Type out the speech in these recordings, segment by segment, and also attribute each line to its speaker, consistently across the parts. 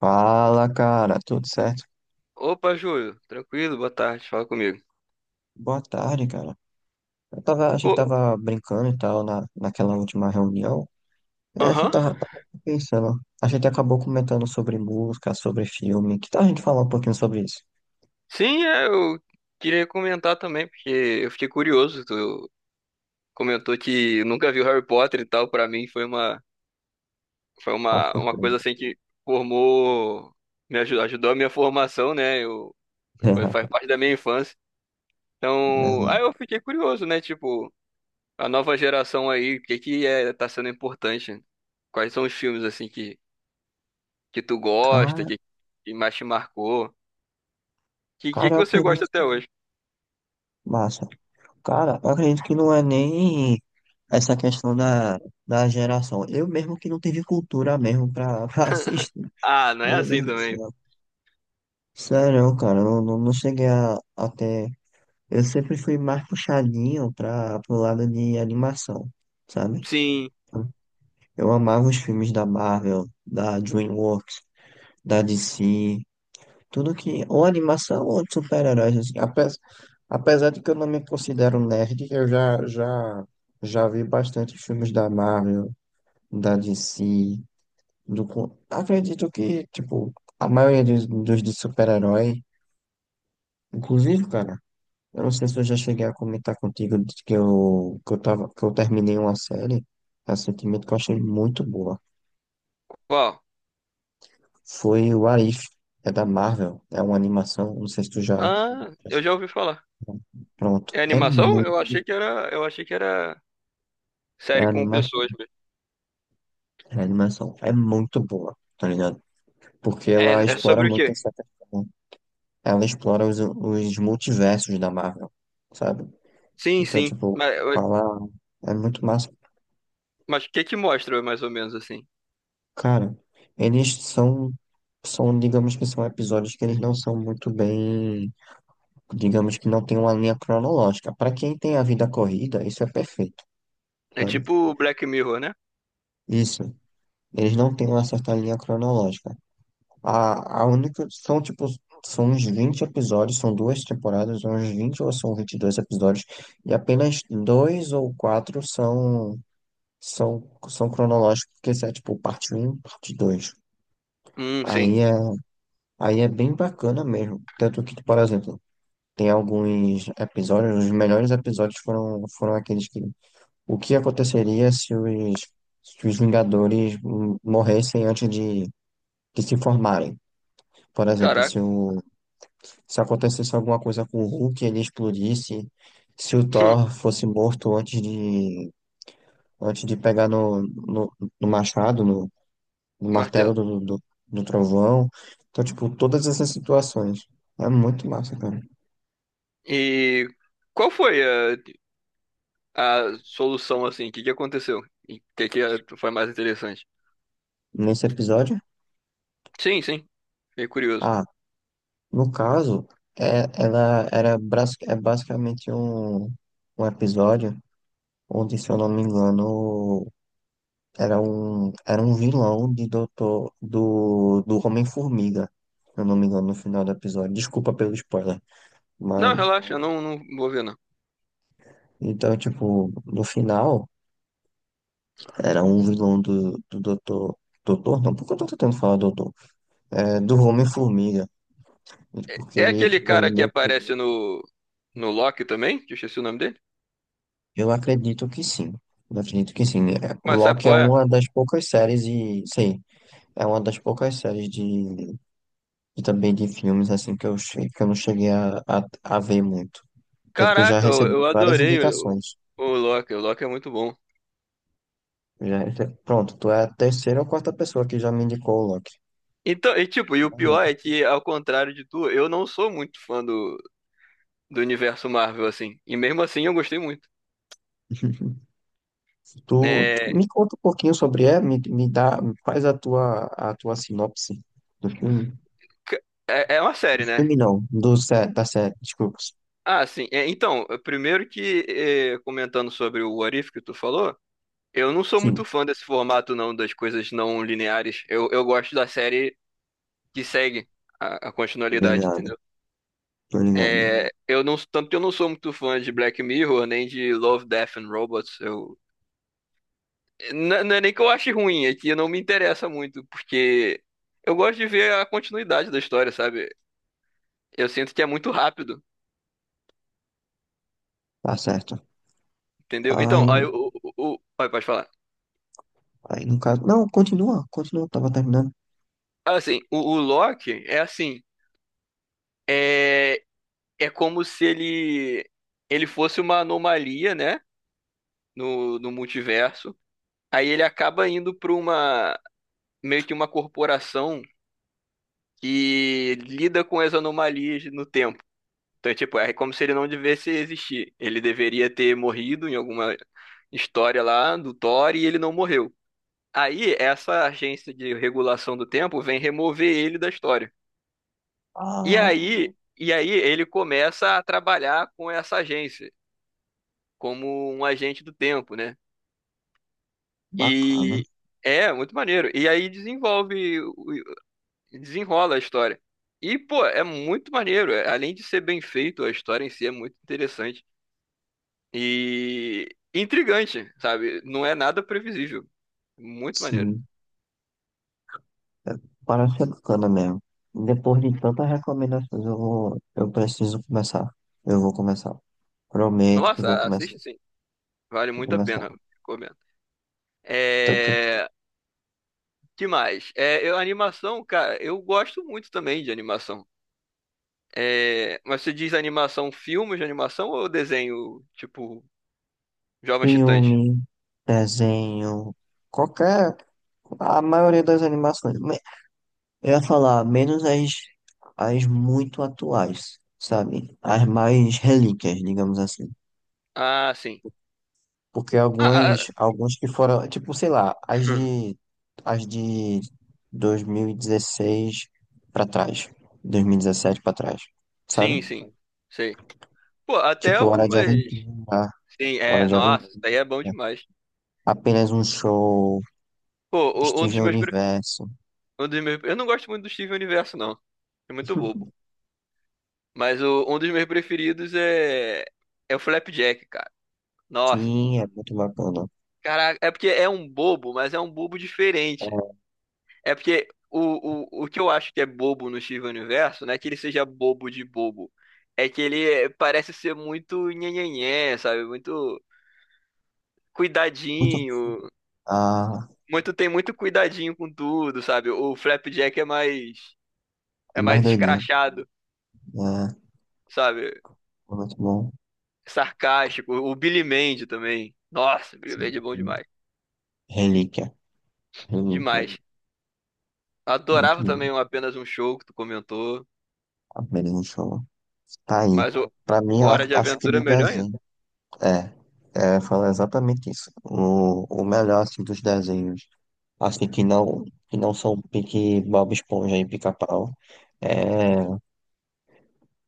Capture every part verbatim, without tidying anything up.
Speaker 1: Fala, cara, tudo certo?
Speaker 2: Opa, Júlio, tranquilo, boa tarde, fala comigo.
Speaker 1: Boa tarde, cara. Eu tava, a gente
Speaker 2: Ô,
Speaker 1: tava brincando e tal na, naquela última reunião. É, a gente
Speaker 2: aham,
Speaker 1: tava, tava pensando. A gente acabou comentando sobre música, sobre filme. Que tal a gente falar um pouquinho sobre isso?
Speaker 2: sim, é, eu queria comentar também, porque eu fiquei curioso, tu comentou que nunca viu Harry Potter e tal. Pra mim foi uma, foi
Speaker 1: Uma
Speaker 2: uma, uma
Speaker 1: surpresa.
Speaker 2: coisa assim que formou, me ajudou, ajudou a minha formação, né? Eu, foi, faz parte da minha infância.
Speaker 1: É,
Speaker 2: Então,
Speaker 1: né?
Speaker 2: aí eu fiquei curioso, né, tipo, a nova geração aí, o que que é, tá sendo importante, quais são os filmes assim que, que tu gosta,
Speaker 1: Cara,
Speaker 2: que, que mais te marcou. Que dia
Speaker 1: cara,
Speaker 2: que
Speaker 1: eu
Speaker 2: você gosta
Speaker 1: acredito.
Speaker 2: até hoje?
Speaker 1: Massa. Cara, eu acredito que não é nem essa questão da, da geração. Eu mesmo que não tive cultura mesmo pra, pra assistir.
Speaker 2: Ah, não é
Speaker 1: Meu
Speaker 2: assim
Speaker 1: Deus do
Speaker 2: também.
Speaker 1: céu. Sério, cara, eu não, não cheguei a, a ter. Eu sempre fui mais puxadinho para pro lado de animação, sabe?
Speaker 2: Sim.
Speaker 1: Então, eu amava os filmes da Marvel, da DreamWorks, da D C, tudo que ou animação ou de super-heróis assim. Apesar, apesar de que eu não me considero nerd, eu já já já vi bastante filmes da Marvel, da D C, do co- acredito que tipo a maioria dos, dos de super-herói, inclusive, cara. Eu não sei se eu já cheguei a comentar contigo de que eu, que eu tava, que eu terminei uma série recentemente que eu achei muito boa.
Speaker 2: Qual?
Speaker 1: Foi o Arif, é da Marvel, é uma animação, não sei se tu já.
Speaker 2: Ah, eu já ouvi falar.
Speaker 1: Pronto,
Speaker 2: É
Speaker 1: é
Speaker 2: animação?
Speaker 1: muito.
Speaker 2: Eu achei que era, eu achei que era
Speaker 1: É
Speaker 2: série com
Speaker 1: animação,
Speaker 2: pessoas mesmo.
Speaker 1: é animação, é muito boa, tá ligado? Porque ela
Speaker 2: É, é
Speaker 1: explora
Speaker 2: sobre o
Speaker 1: muito
Speaker 2: quê?
Speaker 1: essa questão. Ela explora os, os multiversos da Marvel, sabe?
Speaker 2: Sim,
Speaker 1: Então,
Speaker 2: sim.
Speaker 1: tipo,
Speaker 2: Mas,
Speaker 1: fala. É muito massa.
Speaker 2: mas o que que mostra mais ou menos assim?
Speaker 1: Cara, eles são, são, digamos que são episódios que eles não são muito bem, digamos que não tem uma linha cronológica. Para quem tem a vida corrida, isso é perfeito,
Speaker 2: É
Speaker 1: sabe?
Speaker 2: tipo Black Mirror, né?
Speaker 1: Isso, eles não têm uma certa linha cronológica. A, a única, são tipo, são uns vinte episódios, são duas temporadas, são uns vinte ou são vinte e dois episódios, e apenas dois ou quatro são, são, são cronológicos, porque isso é tipo parte um parte dois.
Speaker 2: Hum, sim.
Speaker 1: Aí é Aí é bem bacana mesmo. Tanto que, por exemplo, tem alguns episódios, os melhores episódios foram, foram aqueles que. O que aconteceria se os, se os Vingadores hum, morressem antes de, de se formarem? Por exemplo, se,
Speaker 2: Caraca.
Speaker 1: o, se acontecesse alguma coisa com o Hulk, ele explodisse, se o Thor fosse morto antes de, antes de pegar no, no, no machado, no, no
Speaker 2: Martelo.
Speaker 1: martelo do, do, do trovão. Então, tipo, todas essas situações. É muito massa, cara.
Speaker 2: E qual foi a, a solução assim? O que que aconteceu? E o que que eh, foi mais interessante?
Speaker 1: Nesse episódio?
Speaker 2: Sim, sim. Fiquei curioso.
Speaker 1: Ah, no caso, é, ela era bras- é basicamente um, um episódio onde, se eu não me engano, era um, era um vilão de doutor, do, do Homem-Formiga, se eu não me engano, no final do episódio. Desculpa pelo spoiler,
Speaker 2: Não,
Speaker 1: mas.
Speaker 2: relaxa, eu não, não vou ver não.
Speaker 1: Então, tipo, no final, era um vilão do, do doutor. Doutor? Não, porque eu tô tentando falar doutor. É, do Homem-Formiga. Porque
Speaker 2: É
Speaker 1: ele,
Speaker 2: aquele
Speaker 1: tipo, ele
Speaker 2: cara que
Speaker 1: meio que.
Speaker 2: aparece no, no Loki também? Que eu esqueci o nome dele.
Speaker 1: Eu acredito que sim. Eu acredito que sim. É, o
Speaker 2: Mas sabe
Speaker 1: Loki é
Speaker 2: qual é?
Speaker 1: uma das poucas séries e, sei, é uma das poucas séries de, e também de filmes assim que eu, che- que eu não cheguei a, a, a ver muito. Tanto que eu já
Speaker 2: Caraca, eu,
Speaker 1: recebi
Speaker 2: eu
Speaker 1: várias
Speaker 2: adorei o,
Speaker 1: indicações.
Speaker 2: o Loki. O Loki é muito bom.
Speaker 1: Eu Já, rece- pronto, tu é a terceira ou quarta pessoa que já me indicou o Loki.
Speaker 2: Então, e tipo, e o
Speaker 1: Uhum.
Speaker 2: pior é que, ao contrário de tu, eu não sou muito fã do, do universo Marvel, assim. E mesmo assim eu gostei muito.
Speaker 1: Tu, tu
Speaker 2: É,
Speaker 1: me conta um pouquinho sobre ele, me, me dá, faz a tua, a tua sinopse do filme.
Speaker 2: c- é, é uma
Speaker 1: Do
Speaker 2: série, né?
Speaker 1: filme não, do sé, da série, desculpa.
Speaker 2: Ah, sim. É, então, primeiro que, é, comentando sobre o What If que tu falou, eu não sou
Speaker 1: Sim,
Speaker 2: muito fã desse formato, não, das coisas não lineares. Eu, eu gosto da série que segue a, a
Speaker 1: tô
Speaker 2: continualidade,
Speaker 1: ligado,
Speaker 2: entendeu?
Speaker 1: tô
Speaker 2: Hum.
Speaker 1: ligado.
Speaker 2: É, eu não, tanto que eu não sou muito fã de Black Mirror, nem de Love, Death and Robots. Eu, não, não é nem que eu ache ruim, é que não me interessa muito, porque eu gosto de ver a continuidade da história, sabe? Eu sinto que é muito rápido,
Speaker 1: Tá certo.
Speaker 2: entendeu? Então,
Speaker 1: Aí,
Speaker 2: aí o, o, o- aí pode falar.
Speaker 1: aí no caso. Não, continua, continua, tava terminando.
Speaker 2: Assim, o, o Loki é assim, é, é como se ele, ele fosse uma anomalia, né? No, no multiverso. Aí ele acaba indo para uma meio que uma corporação que lida com as anomalias no tempo. Então, tipo, é como se ele não devesse existir. Ele deveria ter morrido em alguma história lá do Thor e ele não morreu. Aí, essa agência de regulação do tempo vem remover ele da história. E
Speaker 1: Ah,
Speaker 2: aí, e aí ele começa a trabalhar com essa agência, como um agente do tempo, né?
Speaker 1: bacana.
Speaker 2: E é muito maneiro. E aí desenvolve o- E desenrola a história. E, pô, é muito maneiro. é- Além de ser bem feito, a história em si é muito interessante. E intrigante, sabe? Não é nada previsível. Muito maneiro.
Speaker 1: Sim, é, parece ser bacana mesmo. Depois de tantas recomendações, eu vou, eu preciso começar. Eu vou começar. Prometo que vou
Speaker 2: Nossa,
Speaker 1: começar.
Speaker 2: assiste sim. Vale
Speaker 1: Vou
Speaker 2: muito a
Speaker 1: começar.
Speaker 2: pena. Recomendo.
Speaker 1: Tanto
Speaker 2: É... Que mais? É, eu, animação, cara, eu gosto muito também de animação. É... Mas você diz animação, filmes de animação ou desenho, tipo, Jovens Titãs?
Speaker 1: filme, desenho, qualquer. A maioria das animações. Me- eu ia falar, menos as, as muito atuais, sabe? As mais relíquias, digamos assim.
Speaker 2: Ah, sim.
Speaker 1: Porque
Speaker 2: Ah,
Speaker 1: algumas,
Speaker 2: ah,
Speaker 1: alguns que foram, tipo, sei lá, as
Speaker 2: ah.
Speaker 1: de, as de dois mil e dezesseis pra trás, dois mil e dezessete pra trás, sabe?
Speaker 2: Sim, sim. Sei. Pô, até
Speaker 1: Tipo, Hora de
Speaker 2: algumas.
Speaker 1: Aventura,
Speaker 2: Sim,
Speaker 1: Hora
Speaker 2: é.
Speaker 1: de
Speaker 2: Nossa, isso
Speaker 1: Aventura,
Speaker 2: daí é bom demais.
Speaker 1: Apenas um Show,
Speaker 2: Pô, o- um dos
Speaker 1: Steven
Speaker 2: meus, pre-
Speaker 1: Universo.
Speaker 2: um dos meus. Eu não gosto muito do Steven Universo, não. É muito bobo. Mas o- um dos meus preferidos é. É o Flapjack, cara. Nossa.
Speaker 1: Sim, é muito bacana.
Speaker 2: Caraca, é porque é um bobo, mas é um bobo diferente.
Speaker 1: É
Speaker 2: É porque o, o, o que eu acho que é bobo no Steven Universo, não é que ele seja bobo de bobo. É que ele é- parece ser muito nhenhenhé, sabe? Muito
Speaker 1: muito,
Speaker 2: cuidadinho.
Speaker 1: ah,
Speaker 2: Muito Tem muito cuidadinho com tudo, sabe? O Flapjack é mais
Speaker 1: é
Speaker 2: é
Speaker 1: mais
Speaker 2: mais
Speaker 1: doidinho,
Speaker 2: escrachado,
Speaker 1: né?
Speaker 2: sabe?
Speaker 1: É, muito bom.
Speaker 2: Sarcástico. O Billy Mandy também. Nossa, Billy
Speaker 1: Sim,
Speaker 2: Mandy é bom
Speaker 1: sim.
Speaker 2: demais.
Speaker 1: Relíquia, Relíquia,
Speaker 2: Demais.
Speaker 1: muito
Speaker 2: Adorava
Speaker 1: bom.
Speaker 2: também o apenas um show que tu comentou,
Speaker 1: A Berlim Show. Tá aí.
Speaker 2: mas o
Speaker 1: Pra mim, eu
Speaker 2: Hora
Speaker 1: ac-
Speaker 2: de
Speaker 1: acho que
Speaker 2: Aventura é
Speaker 1: de
Speaker 2: melhor ainda.
Speaker 1: desenho. É, é, fala exatamente isso. O, o melhor, assim, dos desenhos, assim, que não, que não são pique Bob Esponja e Pica-Pau, é,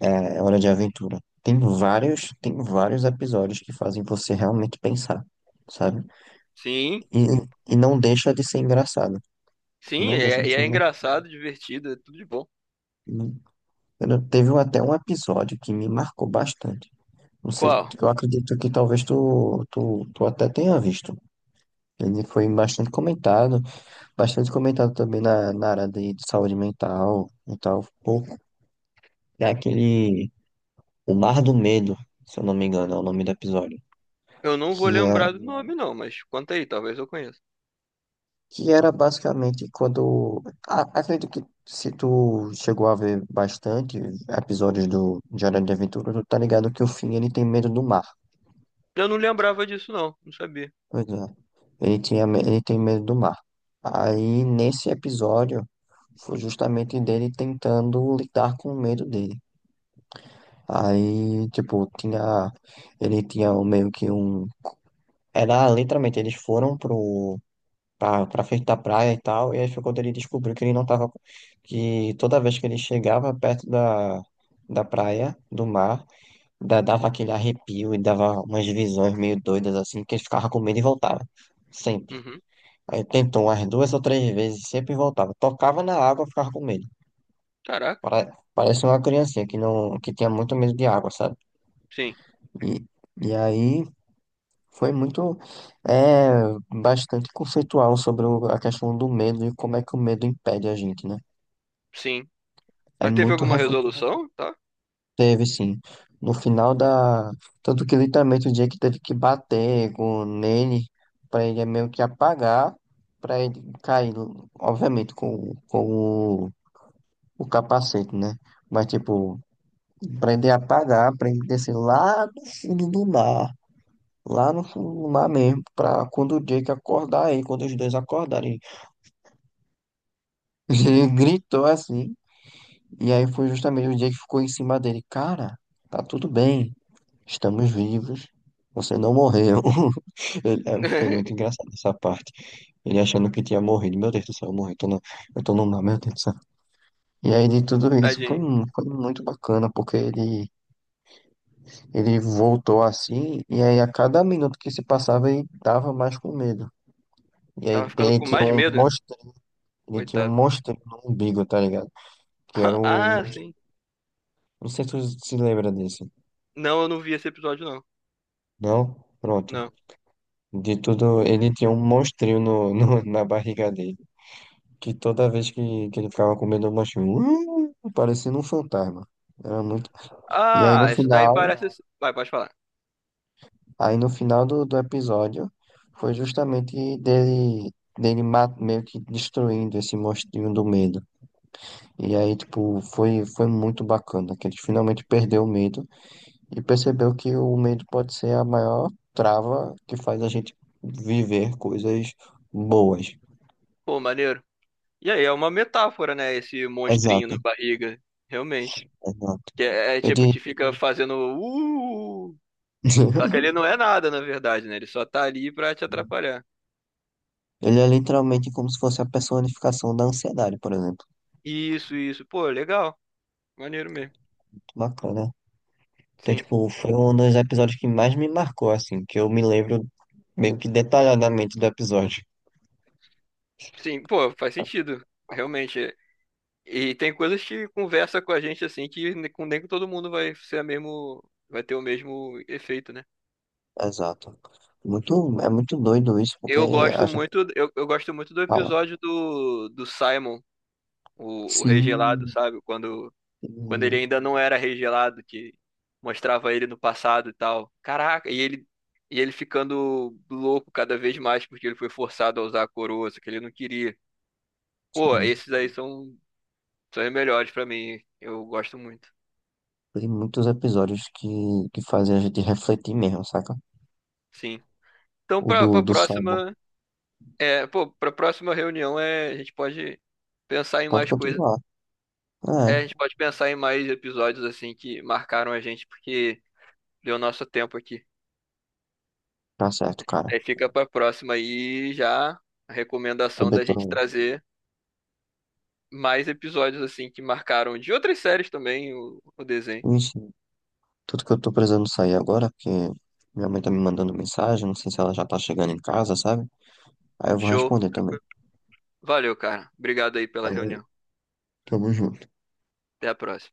Speaker 1: é Hora de Aventura. Tem vários, tem vários episódios que fazem você realmente pensar, sabe?
Speaker 2: Sim,
Speaker 1: E, e não deixa de ser engraçado.
Speaker 2: sim, e
Speaker 1: Não deixa
Speaker 2: é,
Speaker 1: de
Speaker 2: e
Speaker 1: ser
Speaker 2: é
Speaker 1: engraçado.
Speaker 2: engraçado, divertido, é tudo de bom.
Speaker 1: Teve até um episódio que me marcou bastante. Não sei,
Speaker 2: Qual?
Speaker 1: eu acredito que talvez tu, tu, tu até tenha visto. Ele foi bastante comentado, bastante comentado também na, na área de, de saúde mental e tal. Pô, é aquele O Mar do Medo, se eu não me engano, é o nome do episódio.
Speaker 2: Eu não vou
Speaker 1: Que, é,
Speaker 2: lembrar do nome não, mas conta aí, talvez eu conheça.
Speaker 1: que era basicamente quando. a- Acredito que se tu chegou a ver bastante episódios do Diário de Aventura, tu tá ligado que o Finn ele tem medo do mar.
Speaker 2: Eu não lembrava disso não, não sabia.
Speaker 1: Pois é, ele tinha, me- ele tem medo do mar. Aí nesse episódio. Foi justamente dele tentando lidar com o medo dele. Aí, tipo, tinha. Ele tinha um- meio que um. Era literalmente, eles foram pro. Pra, pra frente da praia e tal, e aí foi quando ele descobriu que ele não tava. Que toda vez que ele chegava perto da, da praia, do mar, da- dava aquele arrepio e dava umas visões meio doidas assim, que ele ficava com medo e voltava. Sempre.
Speaker 2: Uhum.
Speaker 1: Aí tentou umas duas ou três vezes, sempre voltava. Tocava na água, ficava com medo.
Speaker 2: Caraca,
Speaker 1: Pare- Parece uma criancinha que não, que tinha muito medo de água, sabe?
Speaker 2: sim,
Speaker 1: E, e aí foi muito, é, bastante conceitual sobre o- a questão do medo e como é que o medo impede a gente, né?
Speaker 2: sim.
Speaker 1: É
Speaker 2: Mas teve
Speaker 1: muito
Speaker 2: alguma
Speaker 1: reflexivo,
Speaker 2: resolução?
Speaker 1: teve, sim. No final da, tanto que literalmente o dia que teve que bater com nele para ele meio que apagar, para ele cair, obviamente com, com o, o capacete, né? Mas tipo. Aprender a pagar, aprender a descer lá no fundo do mar, lá no fundo do mar mesmo, pra quando o Jake acordar aí, quando os dois acordarem. Ele gritou assim, e aí foi justamente o Jake que ficou em cima dele. Cara, tá tudo bem, estamos vivos, você não morreu. Ele- é, foi muito engraçado essa parte. Ele achando que tinha morrido, meu Deus do céu, eu morri, tô no, eu tô no mar, meu Deus do céu. E aí de tudo isso foi,
Speaker 2: Tadinho.
Speaker 1: mu- foi muito bacana, porque ele. Ele voltou assim, e aí a cada minuto que se passava ele tava mais com medo. E aí
Speaker 2: Tava ficando
Speaker 1: ele
Speaker 2: com
Speaker 1: tinha
Speaker 2: mais é,
Speaker 1: um
Speaker 2: medo.
Speaker 1: monstro, ele tinha um
Speaker 2: Coitado.
Speaker 1: monstro no umbigo, tá ligado? Que era
Speaker 2: Ah,
Speaker 1: o.
Speaker 2: é, sim.
Speaker 1: Não sei se tu se lembra disso.
Speaker 2: Não, eu não vi esse episódio, não.
Speaker 1: Não? Pronto.
Speaker 2: Não.
Speaker 1: De tudo, ele tinha um monstrinho no, no- na barriga dele. Que toda vez que, que ele ficava com medo do monstrinho, uh, parecendo um fantasma. Era muito. E aí no
Speaker 2: Ah, isso daí
Speaker 1: final.
Speaker 2: parece. Vai, pode falar.
Speaker 1: Aí no final do, do episódio foi justamente dele, dele ma- meio que destruindo esse monstrinho do medo. E aí, tipo, foi, foi muito bacana, que ele finalmente perdeu o medo e percebeu que o medo pode ser a maior trava que faz a gente viver coisas boas.
Speaker 2: Pô, maneiro. E aí, é uma metáfora, né? Esse monstrinho na
Speaker 1: Exato,
Speaker 2: barriga. Realmente.
Speaker 1: exato.
Speaker 2: Que é, é tipo,
Speaker 1: Ele,
Speaker 2: te fica fazendo. Uh! Só que ele não é nada, na verdade, né? Ele só tá ali pra te atrapalhar.
Speaker 1: ele é literalmente como se fosse a personificação da ansiedade, por exemplo.
Speaker 2: Isso, isso. Pô, legal. Maneiro mesmo.
Speaker 1: Bacana. Então,
Speaker 2: Sim.
Speaker 1: tipo, foi um dos episódios que mais me marcou, assim, que eu me lembro meio que detalhadamente do episódio.
Speaker 2: Sim, pô, faz sentido. Realmente. E tem coisas que conversa com a gente assim que nem com nem com todo mundo vai ser a mesmo, vai ter o mesmo efeito, né?
Speaker 1: Exato. Muito, é muito doido isso, porque
Speaker 2: Eu
Speaker 1: a
Speaker 2: gosto
Speaker 1: gente
Speaker 2: muito, eu, eu gosto muito do
Speaker 1: fala.
Speaker 2: episódio do, do Simon, o, o Rei Gelado,
Speaker 1: Sim,
Speaker 2: sabe? Quando, quando ele
Speaker 1: sim,
Speaker 2: ainda não era Rei Gelado, que mostrava ele no passado e tal. Caraca, e ele e ele ficando louco cada vez mais porque ele foi forçado a usar a coroa, só que ele não queria. Pô,
Speaker 1: sim.
Speaker 2: esses aí são são os melhores pra mim. Eu gosto muito.
Speaker 1: Tem muitos episódios que, que fazem a gente refletir mesmo, saca?
Speaker 2: Sim. Então,
Speaker 1: O
Speaker 2: pra,
Speaker 1: do,
Speaker 2: pra
Speaker 1: do Sabo.
Speaker 2: próxima É, pô, pra próxima reunião é, a gente pode pensar em
Speaker 1: Pode
Speaker 2: mais coisas.
Speaker 1: continuar.
Speaker 2: É, a
Speaker 1: É,
Speaker 2: gente pode pensar em mais episódios assim que marcaram a gente, porque deu nosso tempo aqui.
Speaker 1: tá certo, cara.
Speaker 2: Aí fica pra próxima aí já a recomendação
Speaker 1: Também
Speaker 2: da gente
Speaker 1: tô.
Speaker 2: trazer mais episódios assim que marcaram de outras séries também o, o desenho.
Speaker 1: Ixi, tudo que eu tô precisando sair agora, porque minha mãe tá me mandando mensagem, não sei se ela já tá chegando em casa, sabe? Aí eu vou
Speaker 2: Show.
Speaker 1: responder também.
Speaker 2: Tranquilo. Valeu, cara. Obrigado aí pela
Speaker 1: Valeu.
Speaker 2: reunião.
Speaker 1: Tamo junto.
Speaker 2: Até a próxima.